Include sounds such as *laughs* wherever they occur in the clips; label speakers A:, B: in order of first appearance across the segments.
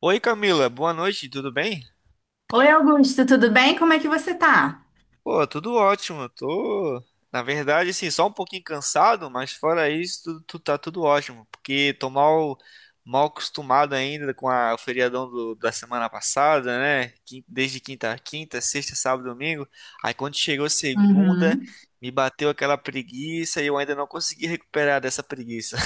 A: Oi, Camila, boa noite, tudo bem?
B: Oi, Augusto, tudo bem? Como é que você tá?
A: Pô, tudo ótimo, na verdade, assim, só um pouquinho cansado, mas fora isso, tá tudo ótimo, porque tô mal acostumado ainda com o feriadão da semana passada, né? Desde quinta sexta, sábado, domingo, aí quando chegou segunda,
B: Uhum.
A: me bateu aquela preguiça e eu ainda não consegui recuperar dessa preguiça.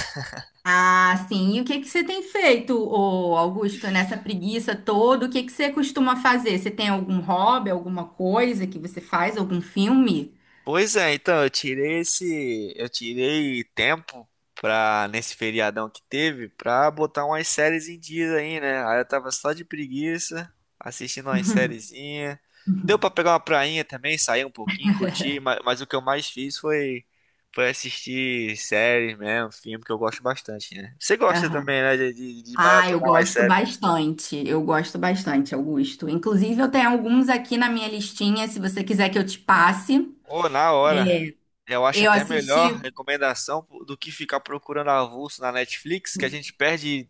B: Ah, sim. E o que que você tem feito, ô Augusto, nessa preguiça toda? O que que você costuma fazer? Você tem algum hobby, alguma coisa que você faz, algum filme? *laughs*
A: Pois é, então eu tirei eu tirei tempo pra nesse feriadão que teve pra botar umas séries em dia aí, né? Aí eu tava só de preguiça, assistindo umas
B: Uhum.
A: sériezinha. Deu
B: Uhum.
A: pra pegar uma prainha também, sair um pouquinho, curtir, mas, o que eu mais fiz foi assistir séries mesmo, filme que eu gosto bastante, né? Você gosta
B: Aham.
A: também, né, de
B: Ah, eu
A: maratonar umas
B: gosto
A: séries?
B: bastante. Eu gosto bastante, Augusto. Inclusive, eu tenho alguns aqui na minha listinha, se você quiser que eu te passe.
A: Ou na hora.
B: É,
A: Eu acho
B: eu
A: até melhor
B: assisti.
A: recomendação do que ficar procurando avulso na Netflix, que a gente perde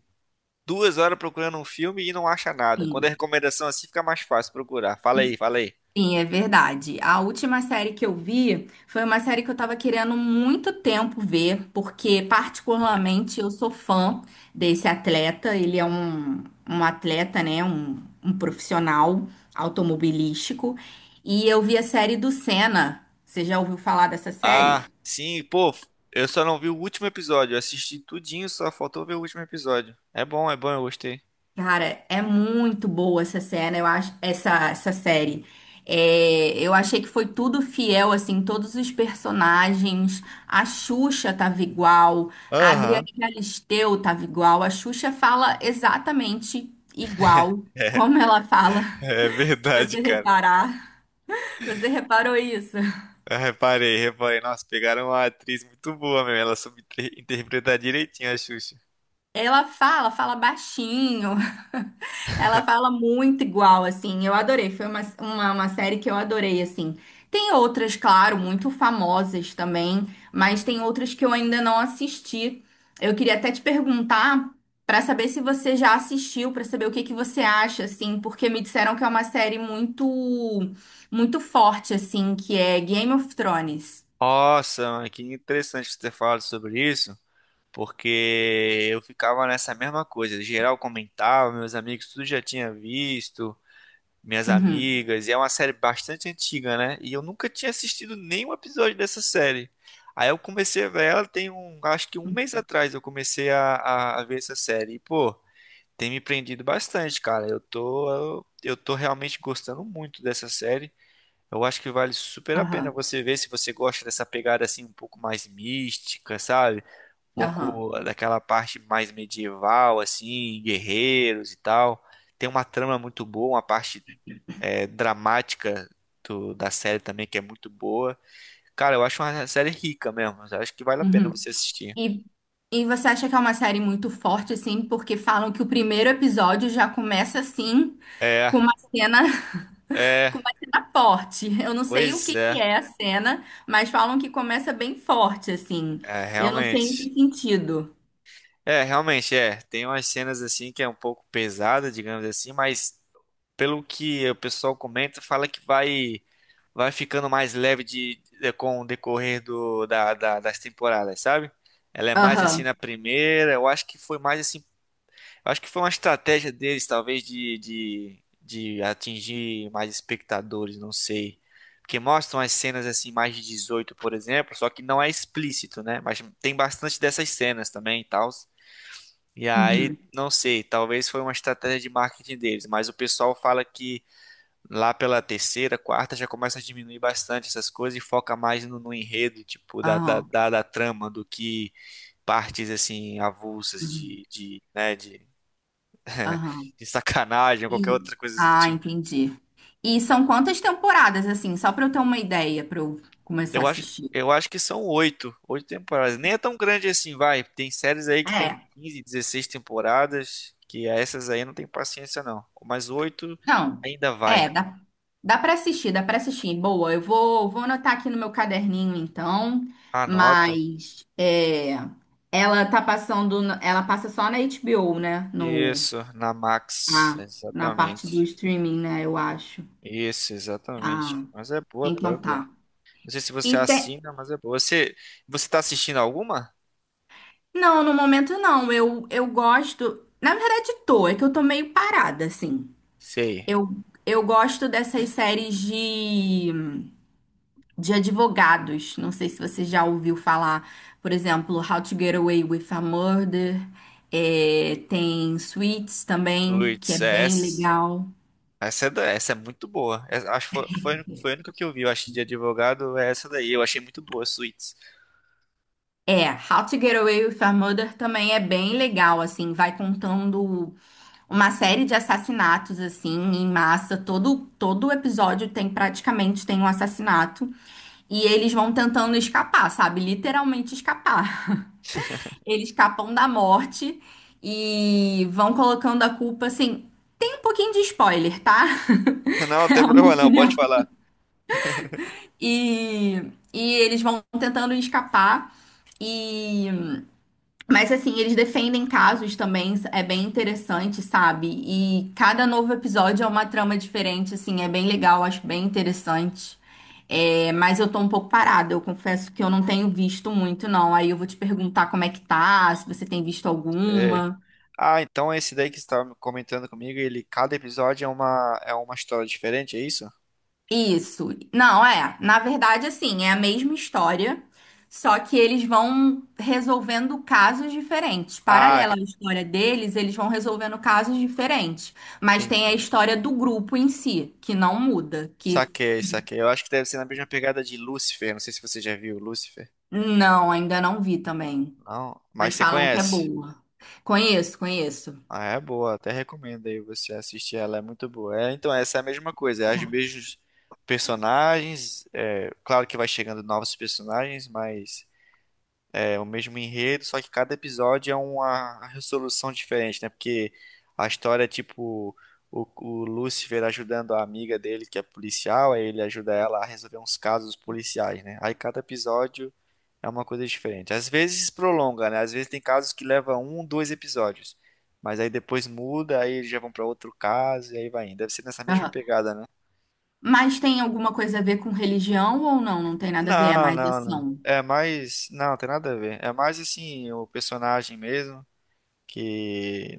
A: 2 horas procurando um filme e não acha nada. Quando é
B: Sim.
A: recomendação assim, fica mais fácil procurar. Fala aí, fala aí.
B: Sim, é verdade. A última série que eu vi foi uma série que eu tava querendo muito tempo ver, porque particularmente eu sou fã desse atleta. Ele é um atleta, né? Um profissional automobilístico. E eu vi a série do Senna. Você já ouviu falar dessa
A: Ah,
B: série?
A: sim, pô, eu só não vi o último episódio. Eu assisti tudinho, só faltou ver o último episódio. É bom, eu gostei.
B: Cara, é muito boa essa cena, eu acho, essa série. É, eu achei que foi tudo fiel, assim, todos os personagens. A Xuxa tava igual, a Adriana
A: Aham.
B: Galisteu tava igual, a Xuxa fala exatamente igual
A: *laughs* É,
B: como ela fala,
A: é
B: *laughs* se
A: verdade,
B: você
A: cara.
B: reparar. Você reparou isso?
A: Eu reparei, reparei. Nossa, pegaram uma atriz muito boa, meu. Ela soube interpretar direitinho a Xuxa.
B: Ela fala, fala baixinho. Ela fala muito igual, assim. Eu adorei. Foi uma série que eu adorei, assim. Tem outras, claro, muito famosas também, mas tem outras que eu ainda não assisti. Eu queria até te perguntar pra saber se você já assistiu, pra saber o que que você acha, assim, porque me disseram que é uma série muito, muito forte, assim, que é Game of Thrones.
A: Nossa, mano, que interessante você ter falado sobre isso, porque eu ficava nessa mesma coisa. Geral comentava, meus amigos tudo já tinha visto, minhas
B: Uhum.
A: amigas, e é uma série bastante antiga, né? E eu nunca tinha assistido nenhum episódio dessa série. Aí eu comecei a ver acho que um mês atrás eu comecei a ver essa série. E, pô, tem me prendido bastante, cara. Eu tô realmente gostando muito dessa série. Eu acho que vale super a pena
B: Aham.
A: você ver se você gosta dessa pegada assim um pouco mais mística, sabe? Um
B: Aham.
A: pouco daquela parte mais medieval, assim, guerreiros e tal. Tem uma trama muito boa, uma parte dramática da série também que é muito boa. Cara, eu acho uma série rica mesmo. Eu acho que vale a pena
B: Uhum.
A: você assistir.
B: E, e você acha que é uma série muito forte, assim, porque falam que o primeiro episódio já começa assim,
A: É,
B: com uma cena, *laughs*
A: é,
B: com uma cena forte. Eu não sei o
A: Pois
B: que
A: é,
B: que é a cena, mas falam que começa bem forte, assim.
A: é
B: Eu não sei em
A: realmente.
B: que sentido.
A: É, realmente, é. Tem umas cenas assim que é um pouco pesada, digamos assim, mas pelo que o pessoal comenta, fala que vai ficando mais leve com o decorrer das temporadas, sabe? Ela é mais assim na
B: Aham.
A: primeira, eu acho que foi mais assim, eu acho que foi uma estratégia deles, talvez, de atingir mais espectadores, não sei. Porque mostram as cenas assim, mais de 18, por exemplo, só que não é explícito, né? Mas tem bastante dessas cenas também e tal. E aí,
B: Uhum.
A: não sei, talvez foi uma estratégia de marketing deles, mas o pessoal fala lá pela terceira, quarta, já começa a diminuir bastante essas coisas e foca mais no enredo, tipo, da, da,
B: Aham.
A: da, da trama, do que partes, assim, avulsas
B: Uhum.
A: de, de, né, de,
B: Aham.
A: *laughs* de sacanagem ou qualquer
B: E...
A: outra coisa do
B: Ah,
A: tipo.
B: entendi. E são quantas temporadas, assim, só pra eu ter uma ideia, pra eu começar a
A: Eu acho,
B: assistir?
A: eu acho que são oito temporadas. Nem é tão grande assim, vai. Tem séries aí que tem
B: É.
A: 15, 16 temporadas, que essas aí não tem paciência, não. Mas oito
B: Não,
A: ainda vai.
B: é, dá, dá para assistir, dá para assistir. Boa, eu vou, vou anotar aqui no meu caderninho então,
A: Anota.
B: mas é, ela tá passando, no- ela passa só na HBO, né? No,
A: Isso, na Max,
B: ah, na parte do
A: exatamente.
B: streaming, né? Eu acho.
A: Isso,
B: Ah,
A: exatamente. Mas é boa, pô, é
B: então
A: boa.
B: tá.
A: Não sei se você
B: E te-
A: assina, mas é boa. Você tá assistindo alguma?
B: não, no momento não. Eu gosto, na verdade tô, é que eu tô meio parada assim.
A: Sei.
B: Eu, eu gosto dessas séries de advogados. Não sei se você já ouviu falar, por exemplo, How to Get Away with a Murder. É, tem Suits também, que é
A: Luiz, é
B: bem
A: essa,
B: legal.
A: essa é, da- essa é muito boa. Acho que foi a única que eu vi, eu acho, de advogado, é essa daí. Eu achei muito boa, Suits.
B: É, How to Get Away with a Murder também é bem legal, assim, vai contando uma série de assassinatos, assim, em massa. Todo, todo episódio tem, praticamente, tem um assassinato. E eles vão tentando escapar, sabe? Literalmente escapar. Eles escapam da morte e vão colocando a culpa assim. Tem um pouquinho de spoiler, tá?
A: *laughs* Não,
B: *laughs*
A: não
B: É
A: tem
B: uma
A: problema não, pode
B: opinião.
A: falar. *laughs*
B: E, e eles vão tentando escapar. E, mas assim, eles defendem casos também, é bem interessante, sabe? E cada novo episódio é uma trama diferente, assim, é bem legal, acho bem interessante. É, mas eu tô um pouco parada, eu confesso que eu não tenho visto muito, não. Aí eu vou te perguntar como é que tá, se você tem visto
A: É.
B: alguma.
A: Ah, então é esse daí que você estava comentando comigo, ele, cada episódio é uma história diferente, é isso?
B: Isso. Não, é. Na verdade, assim, é a mesma história, só que eles vão resolvendo casos diferentes.
A: Ah,
B: Paralela à história deles, eles vão resolvendo casos diferentes. Mas tem a
A: entendi.
B: história do grupo em si, que não muda, que
A: Saquei, saquei. Eu acho que deve ser na mesma pegada de Lucifer. Não sei se você já viu Lucifer.
B: não, ainda não vi também.
A: Não, mas
B: Mas
A: você
B: falam que é
A: conhece.
B: boa. Conheço, conheço.
A: Ah, é boa. Até recomendo aí você assistir ela. É muito boa. É, então, essa é a mesma coisa. É os
B: Ah.
A: mesmos personagens. É, claro que vai chegando novos personagens, mas é o mesmo enredo, só que cada episódio é uma resolução diferente, né? Porque a história é tipo o Lucifer ajudando a amiga dele, que é policial, aí ele ajuda ela a resolver uns casos policiais, né? Aí cada episódio é uma coisa diferente. Às vezes prolonga, né? Às vezes tem casos que leva um, dois episódios. Mas aí depois muda, aí eles já vão pra outro caso e aí vai indo. Deve ser nessa mesma
B: Aham.
A: pegada, né?
B: Mas tem alguma coisa a ver com religião ou não? Não tem nada a ver, é
A: Não,
B: mais
A: não, não.
B: ação.
A: É mais. Não, tem nada a ver. É mais assim, o personagem mesmo, que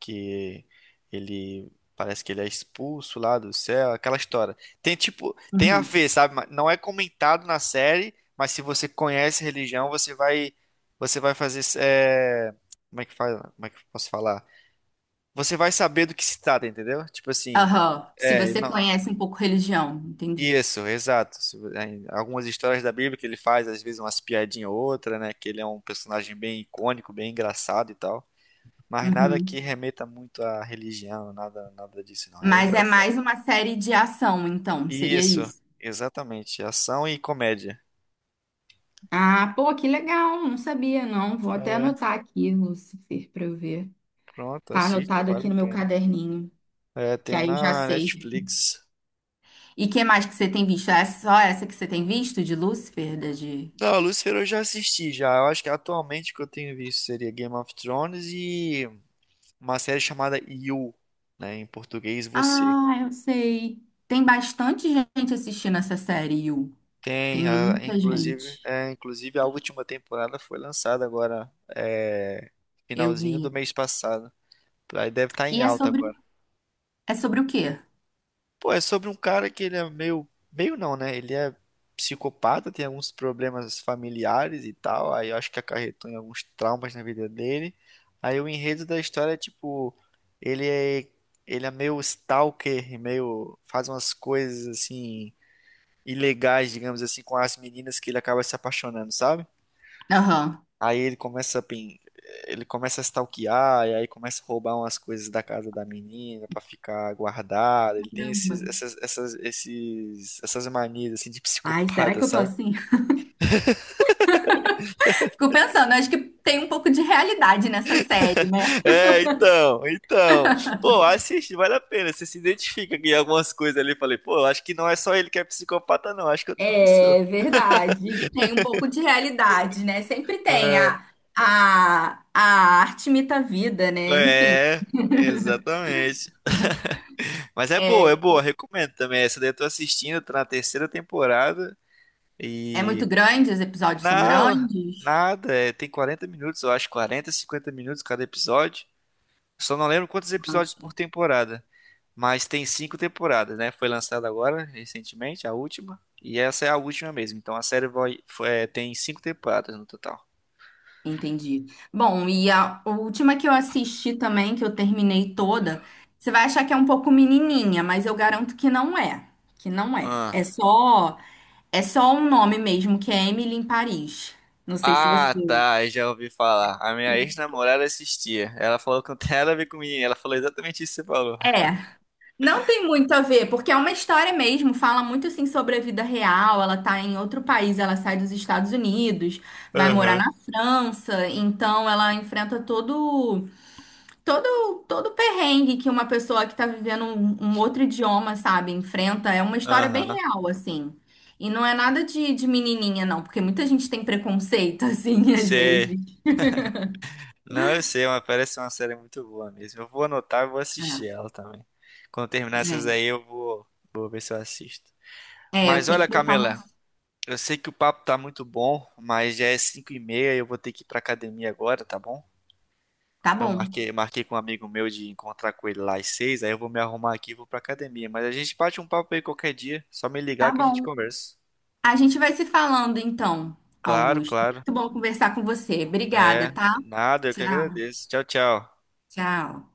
A: que ele parece que ele é expulso lá do céu, aquela história. Tem tipo, tem a
B: Uhum.
A: ver, sabe? Mas não é comentado na série, mas se você conhece religião, você vai fazer como é que faz, como é que eu posso falar? Você vai saber do que se trata, entendeu? Tipo assim,
B: Aham. Se você
A: não.
B: conhece um pouco religião, entendi.
A: Isso, exato. Se vo- em algumas histórias da Bíblia que ele faz, às vezes umas piadinha ou outra, né? Que ele é um personagem bem icônico, bem engraçado e tal. Mas nada
B: Uhum.
A: que remeta muito à religião, nada, nada disso, não. É
B: Mas é
A: engraçado.
B: mais uma série de ação, então, seria
A: Isso,
B: isso.
A: exatamente. Ação e comédia.
B: Ah, pô, que legal. Não sabia, não. Vou até anotar aqui, Lucifer, para eu ver.
A: Pronto,
B: Tá
A: assista,
B: anotado
A: vale
B: aqui
A: a
B: no meu
A: pena.
B: caderninho,
A: É,
B: que
A: tem
B: aí eu já
A: na
B: sei.
A: Netflix.
B: E que mais que você tem visto? É só essa que você tem visto de Lucifer, da de...
A: Da Lucifer eu já assisti já. Eu acho que atualmente o que eu tenho visto seria Game of Thrones e uma série chamada You, né, em português Você.
B: Ah, eu sei. Tem bastante gente assistindo essa série, Yu. Tem
A: Tem, ah,
B: muita
A: inclusive,
B: gente.
A: é, inclusive a última temporada foi lançada agora,
B: Eu
A: finalzinho do
B: vi.
A: mês passado. Aí deve estar em
B: E
A: alta agora.
B: é sobre o quê?
A: Pô, é sobre um cara que ele é meio. Meio não, né? Ele é psicopata, tem alguns problemas familiares e tal. Aí eu acho que acarretou em alguns traumas na vida dele. Aí o enredo da história é tipo. Ele é. Ele é meio stalker, e meio. Faz umas coisas assim. Ilegais, digamos assim, com as meninas que ele acaba se apaixonando, sabe?
B: Aham.
A: Aí ele começa a stalkear, e aí começa a roubar umas coisas da casa da menina pra ficar guardada. Ele tem
B: Caramba.
A: esses, essas, essas, esses, essas manias assim de *laughs*
B: Ai, será
A: psicopata,
B: que eu tô
A: sabe?
B: assim? Fico pensando, acho que tem um pouco de realidade nessa série.
A: É, então. Pô, assiste, vale a pena. Você se identifica com algumas coisas ali. Eu falei, pô, eu acho que não é só ele que é psicopata, não. Acho que eu também sou.
B: É verdade. Tem um pouco de realidade, né? Sempre tem. A arte imita a vida, né? Enfim,
A: É, é, Exatamente. Mas é
B: é,
A: boa, recomendo também. Essa daí eu tô assistindo, tô na terceira temporada.
B: é muito grande, os episódios são
A: Não,
B: grandes.
A: nada. Tem 40 minutos, eu acho, 40, 50 minutos cada episódio. Só não lembro quantos
B: Ah,
A: episódios por temporada. Mas tem cinco temporadas, né? Foi lançada agora, recentemente, a última. E essa é a última mesmo. Então a série tem cinco temporadas no total.
B: entendi. Bom, e a última que eu assisti também, que eu terminei toda, você vai achar que é um pouco menininha, mas eu garanto que não é. Que não é.
A: Ah.
B: É só um nome mesmo, que é Emily em Paris. Não sei se você
A: Ah, tá, eu já ouvi falar. A minha ex-namorada assistia. Ela falou que não tem nada a ver com mim. Ela falou exatamente isso que você falou.
B: é. Não tem muito a ver, porque é uma história mesmo, fala muito assim sobre a vida real. Ela tá em outro país, ela sai dos Estados Unidos, vai morar
A: Aham.
B: na França, então ela enfrenta todo o perrengue que uma pessoa que tá vivendo um outro idioma, sabe, enfrenta. É uma história bem
A: Aham.
B: real assim. E não é nada de, de menininha não, porque muita gente tem preconceito *laughs* assim às
A: Sei.
B: vezes.
A: Não, eu sei, mas parece uma série muito boa mesmo. Eu vou anotar e vou assistir
B: É,
A: ela também. Quando terminar essas
B: é.
A: aí, eu vou ver se eu assisto.
B: É, eu
A: Mas
B: tenho
A: olha,
B: que botar uma
A: Camila, eu sei que o papo tá muito bom, mas já é 5h30 e eu vou ter que ir pra academia agora, tá bom?
B: tá
A: Eu
B: bom.
A: marquei com um amigo meu de encontrar com ele lá às 6h, aí eu vou me arrumar aqui e vou pra academia. Mas a gente bate um papo aí qualquer dia, só me ligar
B: Tá
A: que a gente
B: bom.
A: conversa.
B: A gente vai se falando então,
A: Claro,
B: Augusto.
A: claro.
B: Muito bom conversar com você. Obrigada,
A: É,
B: tá?
A: nada, eu que
B: Tchau,
A: agradeço. Tchau, tchau.
B: tchau.